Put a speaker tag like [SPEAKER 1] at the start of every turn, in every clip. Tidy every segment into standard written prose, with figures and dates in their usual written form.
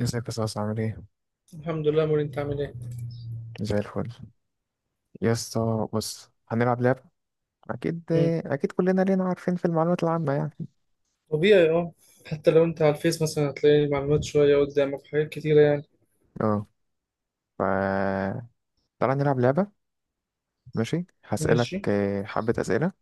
[SPEAKER 1] ازيك يا صاصة؟ عامل ايه؟
[SPEAKER 2] الحمد لله موري، انت عامل ايه؟
[SPEAKER 1] زي الفل. يا اسطى بص، هنلعب لعبة. أكيد
[SPEAKER 2] مم.
[SPEAKER 1] أكيد، كلنا لينا عارفين في المعلومات العامة يعني.
[SPEAKER 2] طبيعي، اه. حتى لو انت على الفيس مثلا هتلاقي المعلومات شوية قدامك، حاجات كتيرة يعني.
[SPEAKER 1] اه. ف تعالى نلعب لعبة. ماشي، هسألك
[SPEAKER 2] ماشي.
[SPEAKER 1] حبة أسئلة،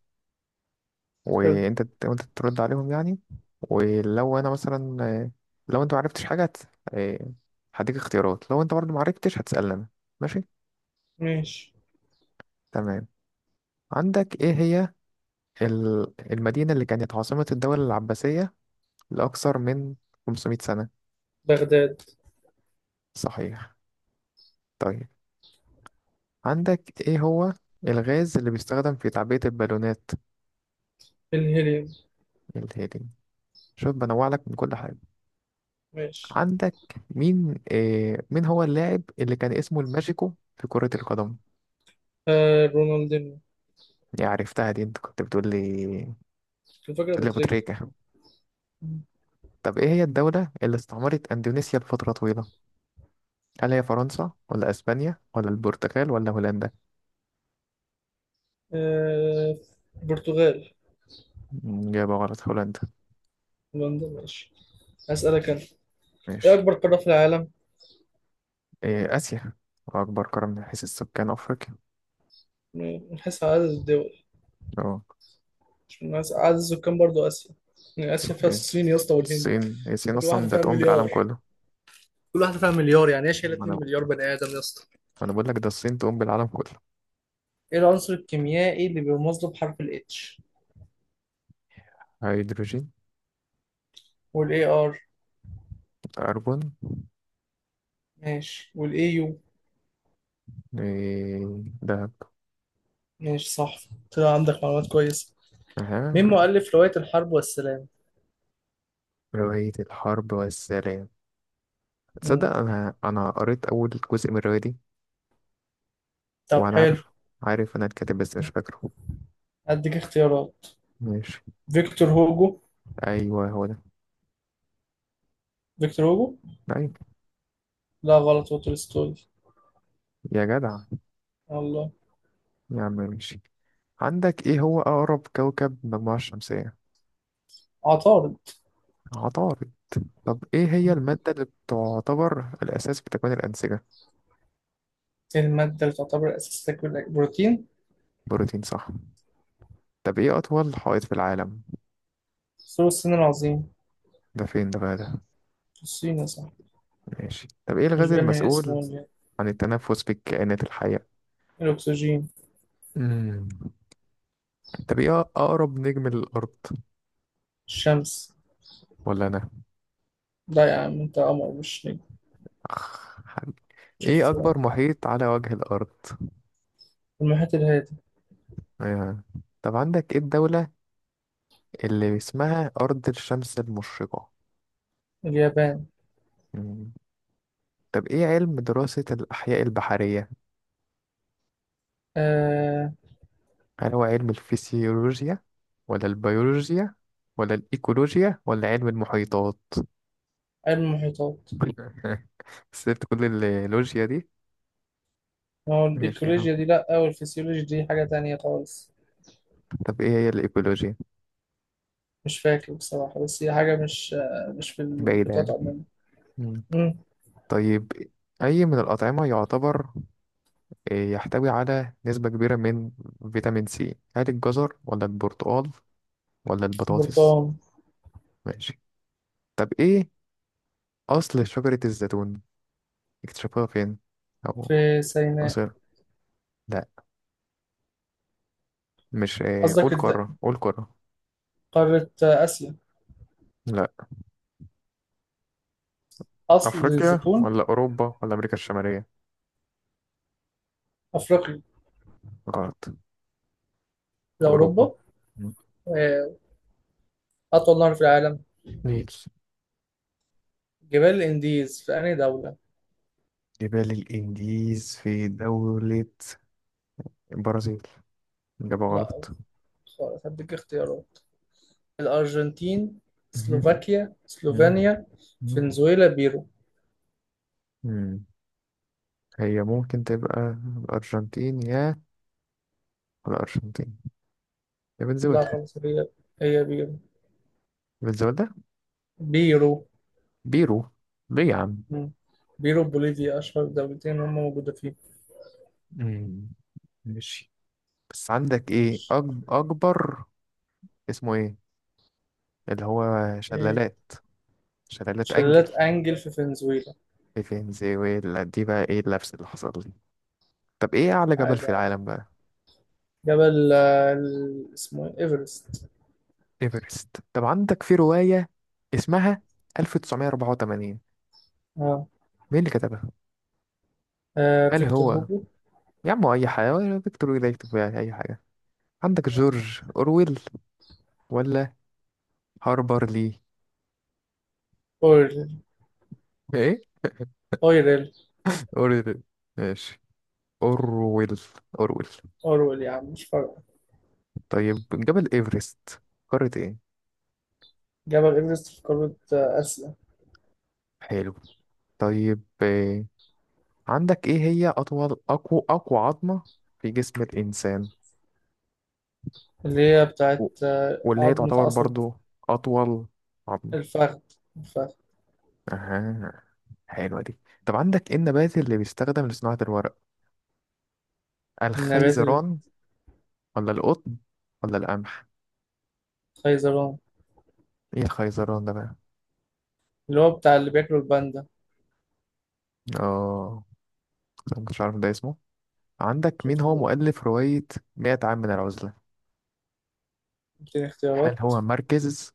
[SPEAKER 2] حلو.
[SPEAKER 1] وانت ترد عليهم يعني. ولو أنا مثلا لو انت معرفتش حاجة آه، هديك اختيارات، لو انت برضه معرفتش هتسألني أنا. ماشي،
[SPEAKER 2] ماشي.
[SPEAKER 1] تمام. عندك ايه هي المدينة اللي كانت عاصمة الدولة العباسية لأكثر من 500 سنة؟
[SPEAKER 2] بغداد.
[SPEAKER 1] صحيح. طيب، عندك ايه هو الغاز اللي بيستخدم في تعبئة البالونات؟
[SPEAKER 2] الهيليوم.
[SPEAKER 1] الهيليوم. شوف، بنوع لك من كل حاجة.
[SPEAKER 2] ماشي.
[SPEAKER 1] عندك مين هو اللاعب اللي كان اسمه الماجيكو في كرة القدم؟
[SPEAKER 2] آه، رونالدينيو.
[SPEAKER 1] دي عرفتها، دي انت كنت بتقول لي،
[SPEAKER 2] الفكرة
[SPEAKER 1] بتقول
[SPEAKER 2] أبو
[SPEAKER 1] لي ابو
[SPEAKER 2] تريكة.
[SPEAKER 1] تريكة.
[SPEAKER 2] مم.
[SPEAKER 1] طب ايه هي الدولة اللي استعمرت اندونيسيا لفترة طويلة؟ هل هي فرنسا، ولا اسبانيا، ولا البرتغال، ولا هولندا؟
[SPEAKER 2] آه، البرتغال.
[SPEAKER 1] مم، إجابة غلط، هولندا.
[SPEAKER 2] هولندا، ماشي. هسألك أنا. ايه
[SPEAKER 1] ماشي.
[SPEAKER 2] أكبر قارة في العالم؟
[SPEAKER 1] إيه، آسيا. أكبر قارة من حيث السكان أفريقيا.
[SPEAKER 2] من حيث عدد الدول.
[SPEAKER 1] أه،
[SPEAKER 2] مش من حيث عدد السكان، برضو آسيا. يعني آسيا فيها
[SPEAKER 1] صحيح.
[SPEAKER 2] الصين يا اسطى والهند.
[SPEAKER 1] الصين هي الصين،
[SPEAKER 2] كل واحدة
[SPEAKER 1] أصلا ده
[SPEAKER 2] فيها
[SPEAKER 1] تقوم بالعالم
[SPEAKER 2] مليار.
[SPEAKER 1] كله.
[SPEAKER 2] كل واحدة فيها مليار، يعني ايه؟ شايلة
[SPEAKER 1] ما أنا ما
[SPEAKER 2] 2 مليار بني آدم يا اسطى.
[SPEAKER 1] أنا بقول لك، ده الصين تقوم بالعالم كله.
[SPEAKER 2] ايه العنصر الكيميائي اللي بيرمز له بحرف ال H؟
[SPEAKER 1] هيدروجين.
[SPEAKER 2] وال AR؟
[SPEAKER 1] كربون.
[SPEAKER 2] ماشي، وال AU؟
[SPEAKER 1] إيه، دهب.
[SPEAKER 2] ماشي، صح. طلع عندك معلومات كويسة.
[SPEAKER 1] أها.
[SPEAKER 2] مين مؤلف رواية الحرب والسلام؟
[SPEAKER 1] رواية الحرب والسلام،
[SPEAKER 2] مم.
[SPEAKER 1] تصدق أنا قريت أول جزء من الرواية دي.
[SPEAKER 2] طب
[SPEAKER 1] وأنا
[SPEAKER 2] حلو،
[SPEAKER 1] عارف، عارف أنا الكاتب بس مش فاكره.
[SPEAKER 2] أديك اختيارات.
[SPEAKER 1] ماشي.
[SPEAKER 2] فيكتور هوجو.
[SPEAKER 1] أيوه هو ده.
[SPEAKER 2] فيكتور هوجو.
[SPEAKER 1] أيوه.
[SPEAKER 2] لا غلط، هو تولستوي.
[SPEAKER 1] يا جدع.
[SPEAKER 2] الله.
[SPEAKER 1] يا عم ماشي. عندك إيه هو أقرب كوكب للمجموعة الشمسية؟
[SPEAKER 2] عطارد.
[SPEAKER 1] عطارد. طب إيه هي المادة اللي بتعتبر الأساس في تكوين الأنسجة؟
[SPEAKER 2] إيه المادة اللي تعتبر أساس لكل بروتين؟
[SPEAKER 1] بروتين، صح. طب ايه أطول حائط في العالم؟
[SPEAKER 2] ثور الصين العظيم.
[SPEAKER 1] ده فين ده بقى ده؟
[SPEAKER 2] الصين يا صاحبي.
[SPEAKER 1] ماشي. طب ايه
[SPEAKER 2] مش
[SPEAKER 1] الغاز
[SPEAKER 2] باين من اسمه
[SPEAKER 1] المسؤول
[SPEAKER 2] ولا إيه؟
[SPEAKER 1] عن التنفس بالكائنات الحية؟
[SPEAKER 2] الأكسجين.
[SPEAKER 1] مم. طب ايه أقرب نجم للأرض؟
[SPEAKER 2] الشمس.
[SPEAKER 1] ولا أنا.
[SPEAKER 2] لا يا عم، أنت قمر مش نجم.
[SPEAKER 1] أخ، حبيبي. ايه
[SPEAKER 2] شفت بقى.
[SPEAKER 1] أكبر محيط على وجه الأرض؟
[SPEAKER 2] المحيط الهادي.
[SPEAKER 1] آه. طب عندك ايه الدولة اللي اسمها أرض الشمس المشرقة؟
[SPEAKER 2] اليابان.
[SPEAKER 1] مم. طب ايه علم دراسة الأحياء البحرية؟
[SPEAKER 2] آه،
[SPEAKER 1] هل هو علم الفسيولوجيا، ولا البيولوجيا، ولا الإيكولوجيا، ولا علم المحيطات؟
[SPEAKER 2] علم المحيطات.
[SPEAKER 1] سبت كل اللوجيا دي.
[SPEAKER 2] ما هو
[SPEAKER 1] ماشي يا عم.
[SPEAKER 2] الإيكولوجيا دي لأ، والفسيولوجي دي حاجة تانية خالص.
[SPEAKER 1] طب ايه هي الايكولوجيا؟
[SPEAKER 2] مش فاكر بصراحة، بس هي حاجة مش مش في
[SPEAKER 1] بعيدة
[SPEAKER 2] المحيطات
[SPEAKER 1] يعني.
[SPEAKER 2] عموما.
[SPEAKER 1] مم.
[SPEAKER 2] مم.
[SPEAKER 1] طيب، اي من الأطعمة يعتبر يحتوي على نسبة كبيرة من فيتامين سي؟ هل الجزر، ولا البرتقال، ولا البطاطس؟
[SPEAKER 2] برتقال.
[SPEAKER 1] ماشي. طب ايه اصل شجرة الزيتون، اكتشفوها فين؟ او
[SPEAKER 2] في سيناء.
[SPEAKER 1] مصر؟ لا، مش قول
[SPEAKER 2] قصدك
[SPEAKER 1] قارة، قول قارة.
[SPEAKER 2] قارة آسيا.
[SPEAKER 1] لا.
[SPEAKER 2] أصل
[SPEAKER 1] افريقيا،
[SPEAKER 2] الزيتون.
[SPEAKER 1] ولا اوروبا، ولا امريكا الشمالية؟
[SPEAKER 2] أفريقيا.
[SPEAKER 1] غلط.
[SPEAKER 2] ده
[SPEAKER 1] اوروبا.
[SPEAKER 2] أوروبا.
[SPEAKER 1] مم.
[SPEAKER 2] آه، أطول نهر في العالم.
[SPEAKER 1] ليه؟
[SPEAKER 2] جبال الإنديز في أنهي دولة؟
[SPEAKER 1] جبال الإنديز في دولة البرازيل. إجابة
[SPEAKER 2] لأ،
[SPEAKER 1] غلط.
[SPEAKER 2] خالص. هديك اختيارات. الأرجنتين،
[SPEAKER 1] مهم.
[SPEAKER 2] سلوفاكيا،
[SPEAKER 1] مهم.
[SPEAKER 2] سلوفينيا،
[SPEAKER 1] مهم.
[SPEAKER 2] فنزويلا، بيرو.
[SPEAKER 1] مم. هي ممكن تبقى الأرجنتين، يا الأرجنتين، يا
[SPEAKER 2] لا
[SPEAKER 1] فنزويلا.
[SPEAKER 2] خلاص، هي بيرو.
[SPEAKER 1] فنزويلا.
[SPEAKER 2] بيرو.
[SPEAKER 1] بيرو. ليه يا عم؟
[SPEAKER 2] مم. بيرو، بوليفيا أشهر دولتين هم موجودة فيه.
[SPEAKER 1] مم. ماشي. بس عندك إيه
[SPEAKER 2] ماشي.
[SPEAKER 1] أكبر. اسمه إيه؟ اللي هو
[SPEAKER 2] إيه.
[SPEAKER 1] شلالات، شلالات أنجل
[SPEAKER 2] شلالات أنجل في فنزويلا.
[SPEAKER 1] في فنزويلا. دي بقى إيه اللبس اللي حصل لي. طب إيه أعلى جبل
[SPEAKER 2] عادي
[SPEAKER 1] في
[SPEAKER 2] عادي.
[SPEAKER 1] العالم بقى؟
[SPEAKER 2] جبل اسمه إيه؟ إيفرست.
[SPEAKER 1] ايفرست. طب عندك في رواية اسمها 1984،
[SPEAKER 2] آه.
[SPEAKER 1] مين اللي كتبها؟
[SPEAKER 2] آه،
[SPEAKER 1] هل
[SPEAKER 2] فيكتور
[SPEAKER 1] هو،
[SPEAKER 2] هوجو.
[SPEAKER 1] يا عم أي حاجة، ولا فيكتور ده يكتب يعني أي حاجة؟ عندك جورج أورويل ولا هاربر لي؟
[SPEAKER 2] أورل.
[SPEAKER 1] إيه؟
[SPEAKER 2] أوريل.
[SPEAKER 1] أورويل. ماشي. أورويل. أورويل.
[SPEAKER 2] أورويل يا عم، مش فارقة.
[SPEAKER 1] طيب جبل إيفرست قارة إيه؟
[SPEAKER 2] جبل إيفرست في قارة آسيا.
[SPEAKER 1] حلو. طيب عندك إيه هي أطول، أقوى عظمة في جسم الإنسان،
[SPEAKER 2] اللي هي بتاعت
[SPEAKER 1] و- واللي هي
[SPEAKER 2] عظمة
[SPEAKER 1] تعتبر
[SPEAKER 2] عصب.
[SPEAKER 1] برضو أطول عظمة؟
[SPEAKER 2] الفخذ. الفخذ.
[SPEAKER 1] أها، حلوة دي. طب عندك ايه النبات اللي بيستخدم لصناعة الورق؟
[SPEAKER 2] النبات.
[SPEAKER 1] الخيزران، ولا القطن، ولا القمح؟
[SPEAKER 2] الخيزران.
[SPEAKER 1] ايه الخيزران ده بقى؟
[SPEAKER 2] اللي هو بتاع اللي بياكلوا الباندا.
[SPEAKER 1] اه، أنا مكنتش عارف ده اسمه. عندك مين
[SPEAKER 2] شفت
[SPEAKER 1] هو
[SPEAKER 2] بقى.
[SPEAKER 1] مؤلف رواية 100 عام من العزلة؟
[SPEAKER 2] اديني
[SPEAKER 1] هل
[SPEAKER 2] اختيارات.
[SPEAKER 1] هو ماركيز،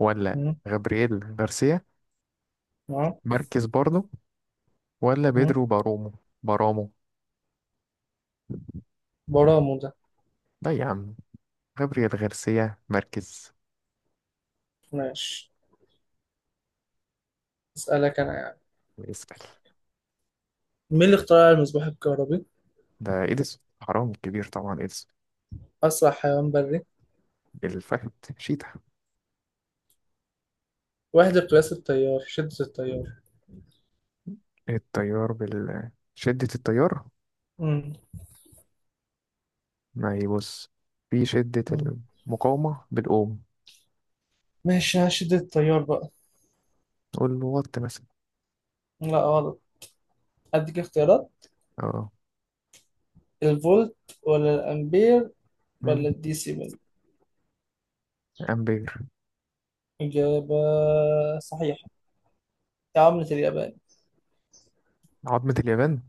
[SPEAKER 1] ولا غابرييل غارسيا
[SPEAKER 2] اه.
[SPEAKER 1] ماركيز برضه، ولا
[SPEAKER 2] آه.
[SPEAKER 1] بيدرو بارومو؟ بارامو.
[SPEAKER 2] برامو ده.
[SPEAKER 1] لا يا عم، غابرييل غارسيا ماركيز.
[SPEAKER 2] ماشي. اسألك انا يعني،
[SPEAKER 1] اسأل.
[SPEAKER 2] مين اللي اخترع المصباح الكهربي؟
[SPEAKER 1] ده إيديسون، حرام كبير طبعا إيديسون.
[SPEAKER 2] اسرع حيوان بري.
[SPEAKER 1] الفهد، شيتا.
[SPEAKER 2] وحدة قياس التيار، شدة التيار.
[SPEAKER 1] التيار بال شدة التيار.
[SPEAKER 2] مم.
[SPEAKER 1] ما هي بص، في شدة
[SPEAKER 2] مم.
[SPEAKER 1] المقاومة بالأوم.
[SPEAKER 2] ماشي، على شدة التيار بقى.
[SPEAKER 1] نقول له وات مثلا.
[SPEAKER 2] لا غلط، اديك اختيارات.
[SPEAKER 1] اه.
[SPEAKER 2] الفولت ولا الامبير
[SPEAKER 1] مم.
[SPEAKER 2] ولا الدي سي ميل.
[SPEAKER 1] أمبير.
[SPEAKER 2] اجابة صحيحة. دي عملة اليابان.
[SPEAKER 1] عظمة اليابان.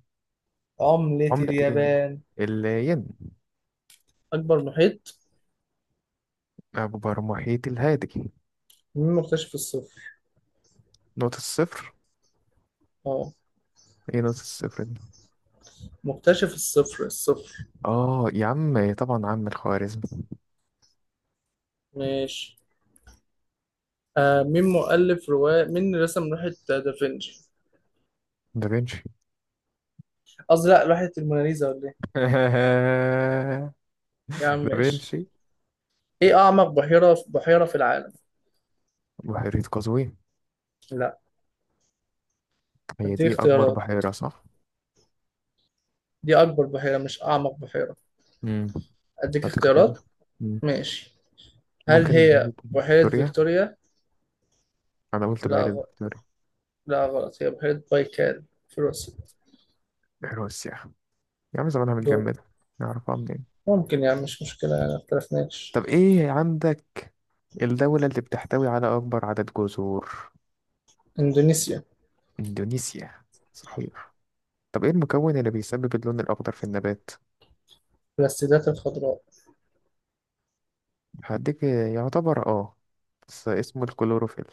[SPEAKER 2] عملة
[SPEAKER 1] عملة الين.
[SPEAKER 2] اليابان.
[SPEAKER 1] الين.
[SPEAKER 2] اكبر محيط.
[SPEAKER 1] أكبر محيط الهادي.
[SPEAKER 2] مين مكتشف الصفر؟
[SPEAKER 1] نقطة الصفر.
[SPEAKER 2] اه.
[SPEAKER 1] ايه نقطة الصفر دي؟
[SPEAKER 2] مكتشف الصفر، الصفر.
[SPEAKER 1] اه يا عم، طبعا عم الخوارزمي.
[SPEAKER 2] ماشي. آه، مين مؤلف رواية مين رسم لوحة دافنشي؟
[SPEAKER 1] دافنشي.
[SPEAKER 2] قصدي لا، لوحة الموناليزا ولا ايه؟ يا عم ماشي.
[SPEAKER 1] دافنشي.
[SPEAKER 2] ايه أعمق بحيرة في العالم؟
[SPEAKER 1] بحيرة قزوين.
[SPEAKER 2] لا.
[SPEAKER 1] هي
[SPEAKER 2] أديك
[SPEAKER 1] دي أكبر
[SPEAKER 2] اختيارات.
[SPEAKER 1] بحيرة صح؟
[SPEAKER 2] دي أكبر بحيرة مش أعمق بحيرة.
[SPEAKER 1] مم.
[SPEAKER 2] أديك
[SPEAKER 1] هديك اختيارات.
[SPEAKER 2] اختيارات.
[SPEAKER 1] مم.
[SPEAKER 2] ماشي. هل
[SPEAKER 1] ممكن
[SPEAKER 2] هي
[SPEAKER 1] بحيرة
[SPEAKER 2] بحيرة
[SPEAKER 1] فيكتوريا.
[SPEAKER 2] فيكتوريا؟
[SPEAKER 1] أنا قلت
[SPEAKER 2] لا
[SPEAKER 1] بحيرة
[SPEAKER 2] غ...
[SPEAKER 1] فيكتوريا.
[SPEAKER 2] لا غلط، هي بحيرة بايكال في روسيا.
[SPEAKER 1] حلوة السياحة، يا عم زمانها
[SPEAKER 2] دور.
[SPEAKER 1] متجمدة. نعرفها منين؟
[SPEAKER 2] ممكن يعني، مش مشكلة يعني، ما اختلفناش.
[SPEAKER 1] طب ايه عندك الدولة اللي بتحتوي على أكبر عدد جزر؟
[SPEAKER 2] إندونيسيا.
[SPEAKER 1] إندونيسيا. صحيح. طب ايه المكون اللي بيسبب اللون الأخضر في النبات؟
[SPEAKER 2] السدات الخضراء.
[SPEAKER 1] هديك يعتبر اه، بس اسمه الكلوروفيل.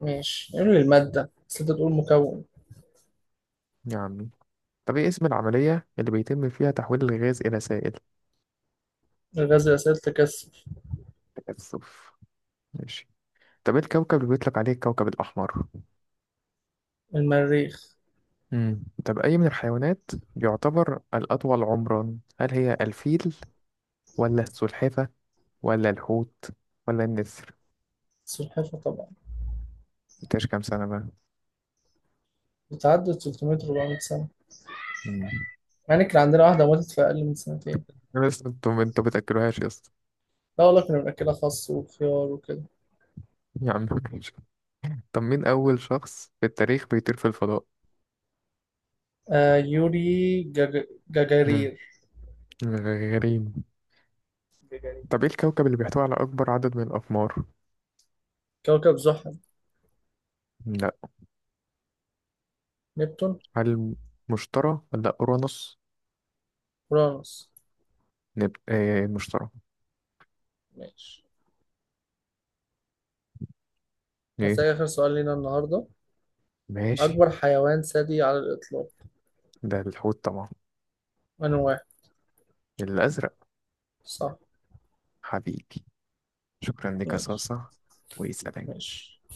[SPEAKER 2] ماشي، قول لي المادة بس، أنت تقول مكون.
[SPEAKER 1] يا عمي. طب ايه اسم العملية اللي بيتم فيها تحويل الغاز إلى سائل؟
[SPEAKER 2] الغاز الأساسي تكثف.
[SPEAKER 1] تكثف. ماشي. طب ايه الكوكب اللي بيطلق عليه الكوكب الأحمر؟
[SPEAKER 2] المريخ.
[SPEAKER 1] مم. طب أي من الحيوانات يعتبر الأطول عمرا؟ هل هي الفيل، ولا السلحفة، ولا الحوت، ولا النسر؟
[SPEAKER 2] سلحفاة طبعا.
[SPEAKER 1] مبقاش كام سنة بقى.
[SPEAKER 2] بتعدي 300 400 سنة.
[SPEAKER 1] مم.
[SPEAKER 2] مع إن كان عندنا واحدة ماتت في أقل من سنتين.
[SPEAKER 1] بس انتوا بتأكلوهاش يا اسطى.
[SPEAKER 2] لا والله، كنا بنأكلها خس وخيار وكده.
[SPEAKER 1] يا عم ماشي. طب مين أول شخص في التاريخ بيطير في الفضاء؟
[SPEAKER 2] آه،
[SPEAKER 1] مم.
[SPEAKER 2] جاجارير.
[SPEAKER 1] غريب.
[SPEAKER 2] جاجارير.
[SPEAKER 1] طب ايه الكوكب اللي بيحتوي على أكبر عدد من الأقمار؟
[SPEAKER 2] كوكب زحل.
[SPEAKER 1] لا.
[SPEAKER 2] نبتون.
[SPEAKER 1] هل مشتري ولا أورانوس؟
[SPEAKER 2] أورانوس.
[SPEAKER 1] ايه المشتري.
[SPEAKER 2] ماشي.
[SPEAKER 1] ايه.
[SPEAKER 2] هسألك آخر سؤال لينا النهاردة.
[SPEAKER 1] ماشي.
[SPEAKER 2] أكبر حيوان ثدي على الإطلاق.
[SPEAKER 1] ده الحوت طبعا،
[SPEAKER 2] أنا واحد.
[SPEAKER 1] الأزرق.
[SPEAKER 2] صح.
[SPEAKER 1] حبيبي. شكرا لك يا
[SPEAKER 2] ماشي.
[SPEAKER 1] صاصة. ويسلم.
[SPEAKER 2] ماشي.